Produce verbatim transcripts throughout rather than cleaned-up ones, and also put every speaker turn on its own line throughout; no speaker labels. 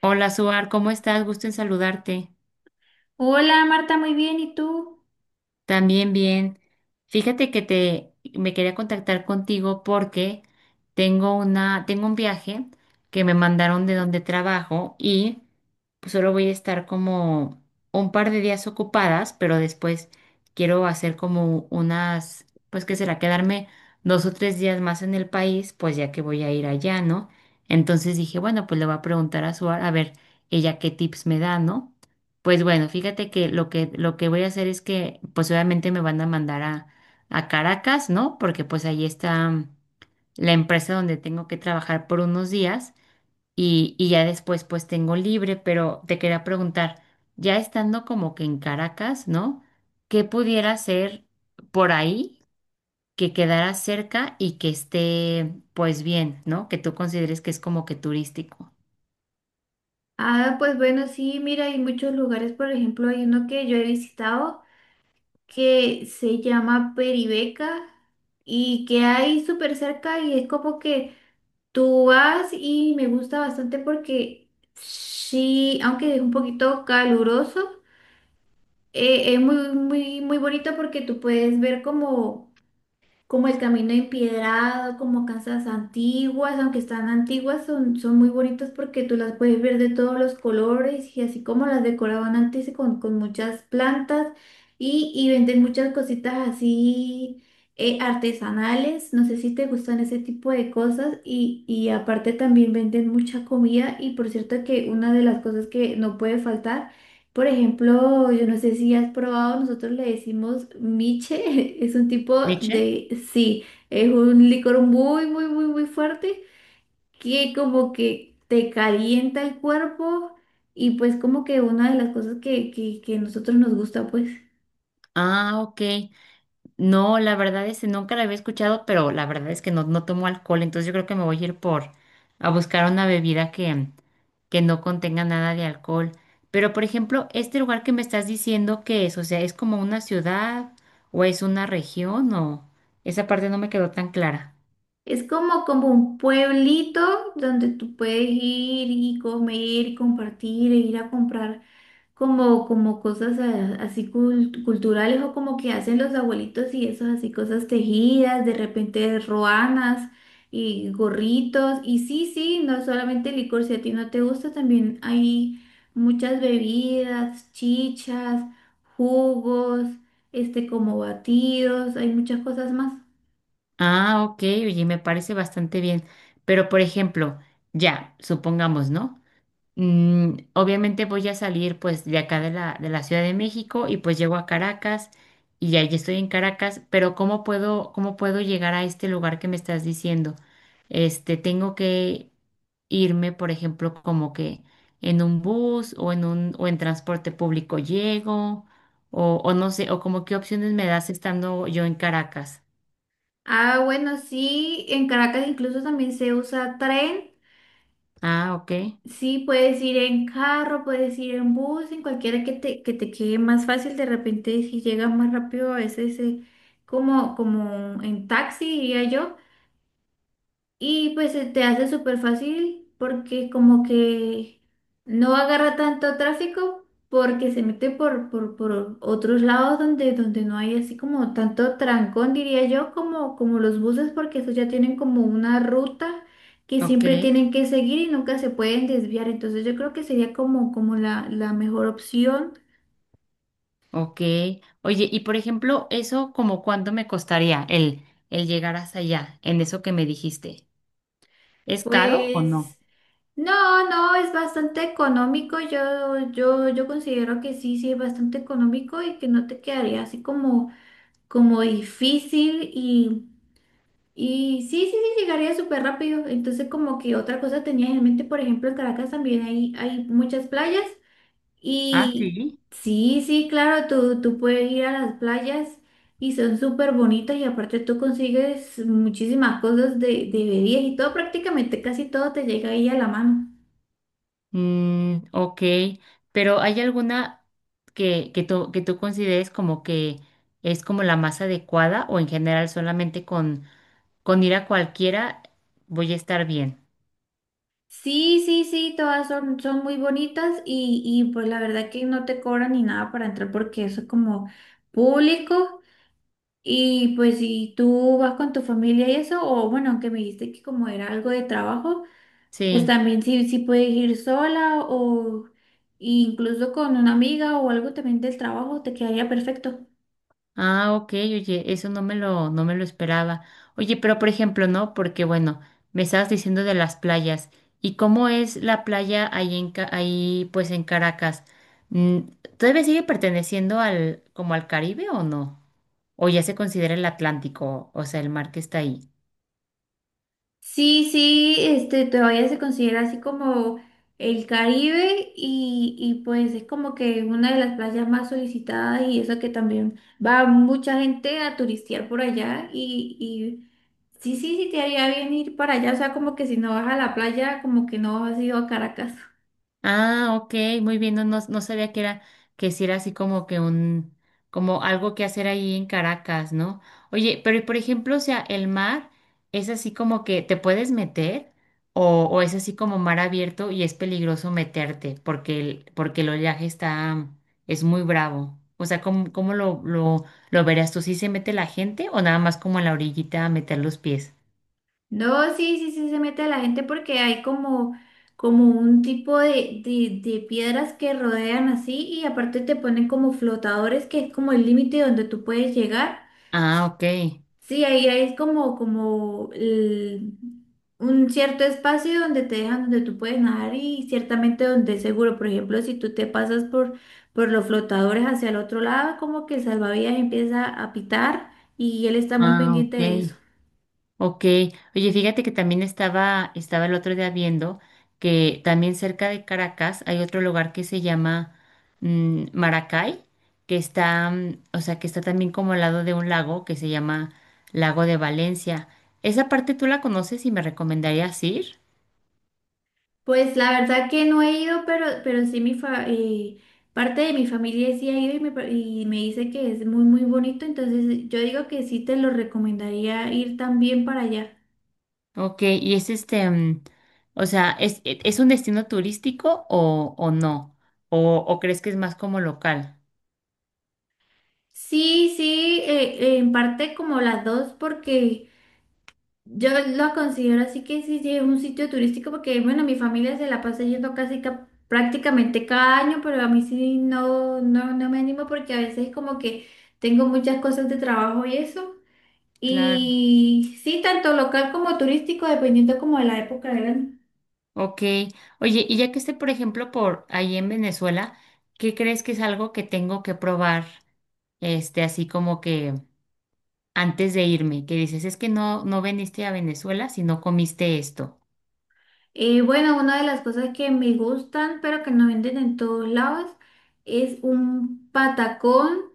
Hola, Suar, ¿cómo estás? Gusto en saludarte.
Hola Marta, muy bien, ¿y tú?
También bien. Fíjate que te me quería contactar contigo porque tengo una tengo un viaje que me mandaron de donde trabajo y pues, solo voy a estar como un par de días ocupadas, pero después quiero hacer como unas, pues qué será, quedarme dos o tres días más en el país, pues ya que voy a ir allá, ¿no? Entonces dije, bueno, pues le voy a preguntar a Suar a ver ella qué tips me da, ¿no? Pues bueno, fíjate que lo que lo que voy a hacer es que, pues obviamente me van a mandar a, a Caracas, ¿no? Porque pues ahí está la empresa donde tengo que trabajar por unos días y, y ya después pues tengo libre, pero te quería preguntar, ya estando como que en Caracas, ¿no? ¿Qué pudiera hacer por ahí que quedara cerca y que esté pues bien, ¿no? Que tú consideres que es como que turístico.
Ah, pues bueno, sí, mira, hay muchos lugares, por ejemplo, hay uno que yo he visitado que se llama Peribeca y que hay súper cerca y es como que tú vas y me gusta bastante porque sí, aunque es un poquito caluroso, eh, es muy, muy, muy bonito porque tú puedes ver como como el camino empedrado, como casas antiguas, aunque están antiguas, son, son muy bonitas porque tú las puedes ver de todos los colores y así como las decoraban antes con, con muchas plantas y, y venden muchas cositas así eh, artesanales, no sé si te gustan ese tipo de cosas y, y aparte también venden mucha comida y por cierto que una de las cosas que no puede faltar, por ejemplo, yo no sé si has probado, nosotros le decimos miche, es un tipo
Miche.
de sí, es un licor muy, muy, muy, muy fuerte que como que te calienta el cuerpo y pues como que una de las cosas que, que, que nosotros nos gusta, pues
Ah, ok. No, la verdad es que nunca la había escuchado, pero la verdad es que no, no tomo alcohol, entonces yo creo que me voy a ir por a buscar una bebida que, que no contenga nada de alcohol. Pero, por ejemplo, este lugar que me estás diciendo que es, o sea, ¿es como una ciudad o es una región o esa parte no me quedó tan clara?
es como, como un pueblito donde tú puedes ir y comer y compartir e ir a comprar como, como cosas a- así cul- culturales o como que hacen los abuelitos y esas así cosas tejidas, de repente roanas y gorritos. Y sí, sí, no solamente licor, si a ti no te gusta, también hay muchas bebidas, chichas, jugos, este como batidos, hay muchas cosas más.
Ah, ok, oye, me parece bastante bien. Pero, por ejemplo, ya, supongamos, ¿no? Mm, obviamente voy a salir pues de acá de la, de la Ciudad de México y pues llego a Caracas y ya, ya estoy en Caracas, pero ¿cómo puedo, cómo puedo llegar a este lugar que me estás diciendo? Este, tengo que irme, por ejemplo, como que en un bus o en un, o en transporte público llego, o, o no sé, o como qué opciones me das estando yo en Caracas.
Ah, bueno, sí, en Caracas incluso también se usa tren.
Ah, ok,
Sí, puedes ir en carro, puedes ir en bus, en cualquiera que te, que te quede más fácil. De repente, si llegas más rápido, a veces eh, como, como en taxi, diría yo, y pues se te hace súper fácil porque como que no agarra tanto tráfico porque se mete por, por, por otros lados donde, donde no hay así como tanto trancón, diría yo, como, como los buses porque esos ya tienen como una ruta que
ok.
siempre tienen que seguir y nunca se pueden desviar. Entonces yo creo que sería como, como la, la mejor opción.
Ok. Oye, y por ejemplo, eso como cuánto me costaría el, el llegar hasta allá, en eso que me dijiste. ¿Es caro o no?
Pues no, no, es bastante económico. Yo, yo, yo considero que sí, sí, es bastante económico y que no te quedaría así como, como difícil y, y sí, sí, sí, llegaría súper rápido. Entonces, como que otra cosa tenía en mente, por ejemplo, en Caracas también hay, hay muchas playas
Ah,
y
sí.
sí, sí, claro, tú, tú puedes ir a las playas y son súper bonitas y aparte tú consigues muchísimas cosas de, de bebidas y todo, prácticamente casi todo te llega ahí a la mano.
Mm, ok. Pero ¿hay alguna que, que tú, que tú consideres como que es como la más adecuada o en general solamente con, con ir a cualquiera voy a estar bien?
Sí, sí, sí, todas son, son muy bonitas y, y pues la verdad que no te cobran ni nada para entrar porque eso es como público y pues si tú vas con tu familia y eso, o bueno, aunque me dijiste que como era algo de trabajo, pues
Sí.
también sí, sí puedes ir sola o incluso con una amiga o algo también del trabajo, te quedaría perfecto.
Ah, ok, oye, eso no me lo, no me lo esperaba. Oye, pero por ejemplo, ¿no? Porque bueno, me estabas diciendo de las playas. ¿Y cómo es la playa ahí en, Ca- ahí pues en Caracas? Mm, ¿Todavía sigue perteneciendo al, como al Caribe o no? ¿O ya se considera el Atlántico, o sea, el mar que está ahí?
Sí, sí, este, todavía se considera así como el Caribe y, y pues es como que es una de las playas más solicitadas y eso que también va mucha gente a turistear por allá y, y sí, sí, sí te haría bien ir para allá, o sea, como que si no vas a la playa, como que no has ido a Caracas.
Ah, ok, muy bien, no, no, no sabía que era, que si era así como que un, como algo que hacer ahí en Caracas, ¿no? Oye, pero y por ejemplo, o sea, el mar es así como que te puedes meter o, o es así como mar abierto y es peligroso meterte porque el, porque el oleaje está, es muy bravo. O sea, ¿cómo, cómo lo, lo, lo verías tú? ¿Si se mete la gente o nada más como en la orillita a meter los pies?
No, sí, sí, sí, se mete a la gente porque hay como, como un tipo de, de, de piedras que rodean así y aparte te ponen como flotadores que es como el límite donde tú puedes llegar.
Ah, ok.
Sí, ahí, ahí es como, como el- un cierto espacio donde te dejan, donde tú puedes nadar y ciertamente donde es seguro. Por ejemplo, si tú te pasas por, por los flotadores hacia el otro lado, como que el salvavidas empieza a pitar y él está muy
Ah,
pendiente
ok.
de eso.
Ok, oye, fíjate que también estaba, estaba el otro día viendo que también cerca de Caracas hay otro lugar que se llama mm, Maracay, que está, mm, o sea, que está también como al lado de un lago que se llama Lago de Valencia. ¿Esa parte tú la conoces y me recomendarías ir?
Pues la verdad que no he ido, pero, pero sí mi fa- eh, parte de mi familia sí ha ido y me, pa- y me dice que es muy, muy bonito, entonces yo digo que sí te lo recomendaría ir también para allá.
Ok, y es este, mm, o sea, ¿es, e- es un destino turístico o, o no? ¿O, o crees que es más como local?
Sí, sí, eh, eh, en parte como las dos, porque yo lo considero así que sí, sí es un sitio turístico, porque bueno, mi familia se la pasa yendo casi ca- prácticamente cada año, pero a mí sí no, no, no me animo porque a veces como que tengo muchas cosas de trabajo y eso.
Claro.
Y sí, tanto local como turístico, dependiendo como de la época del año.
Ok, oye, y ya que esté, por ejemplo, por ahí en Venezuela, ¿qué crees que es algo que tengo que probar, este, así como que antes de irme? Que dices, es que no, no viniste a Venezuela si no comiste esto.
Eh, bueno, una de las cosas que me gustan, pero que no venden en todos lados, es un patacón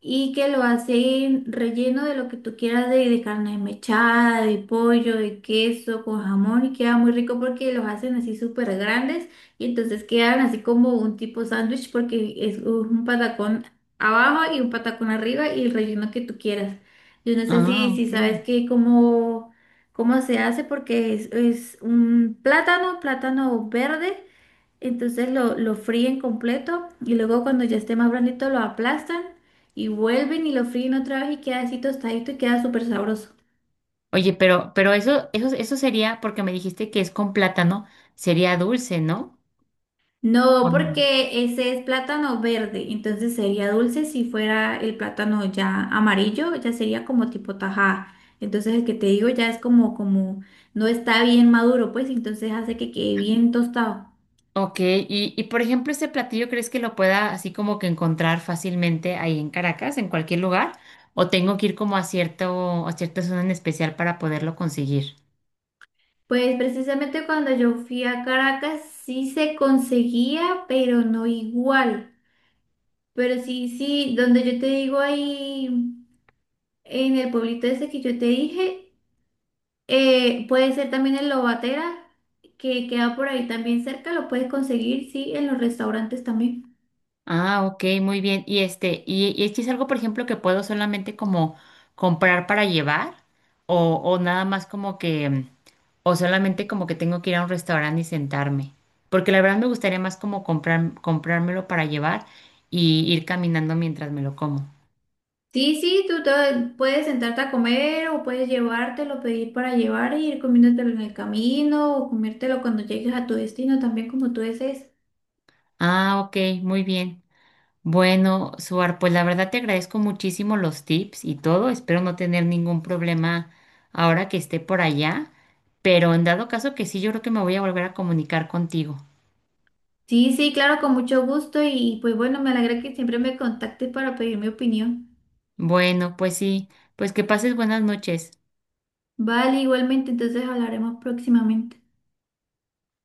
y que lo hacen relleno de lo que tú quieras de, de carne mechada, de pollo, de queso, con jamón y queda muy rico porque los hacen así súper grandes y entonces quedan así como un tipo sándwich porque es un patacón abajo y un patacón arriba y el relleno que tú quieras. Yo no sé
Ah,
si, si
ok.
sabes que cómo, cómo se hace porque es, es un plátano, plátano verde. Entonces lo, lo fríen completo y luego cuando ya esté más blandito lo aplastan y vuelven y lo fríen otra vez y queda así tostadito y queda súper sabroso.
Oye, pero, pero eso, eso, eso sería, porque me dijiste que es con plátano, sería dulce, ¿no? ¿O
No,
no?
porque ese es plátano verde, entonces sería dulce si fuera el plátano ya amarillo, ya sería como tipo tajada. Entonces el que te digo ya es como, como no está bien maduro, pues entonces hace que quede bien tostado.
Ok, y, y por ejemplo, ¿este platillo crees que lo pueda así como que encontrar fácilmente ahí en Caracas, en cualquier lugar? ¿O tengo que ir como a cierto, a cierta zona en especial para poderlo conseguir?
Pues precisamente cuando yo fui a Caracas sí se conseguía, pero no igual. Pero sí, sí, donde yo te digo ahí, en el pueblito ese que yo te dije, eh, puede ser también el Lobatera, que queda por ahí también cerca, lo puedes conseguir, sí, en los restaurantes también.
Ah, ok, muy bien. Y este, y, y este es algo, por ejemplo, que puedo solamente como comprar para llevar, o, o nada más como que, mm, o solamente como que tengo que ir a un restaurante y sentarme. Porque la verdad me gustaría más como comprar, comprármelo para llevar y ir caminando mientras me lo como.
Sí, sí, tú te puedes sentarte a comer o puedes llevártelo, pedir para llevar y ir comiéndotelo en el camino o comértelo cuando llegues a tu destino también como tú desees.
Ah, ok, muy bien. Bueno, Suar, pues la verdad te agradezco muchísimo los tips y todo. Espero no tener ningún problema ahora que esté por allá, pero en dado caso que sí, yo creo que me voy a volver a comunicar contigo.
Sí, sí, claro, con mucho gusto y pues bueno, me alegra que siempre me contactes para pedir mi opinión.
Bueno, pues sí, pues que pases buenas noches.
Vale, igualmente, entonces hablaremos próximamente.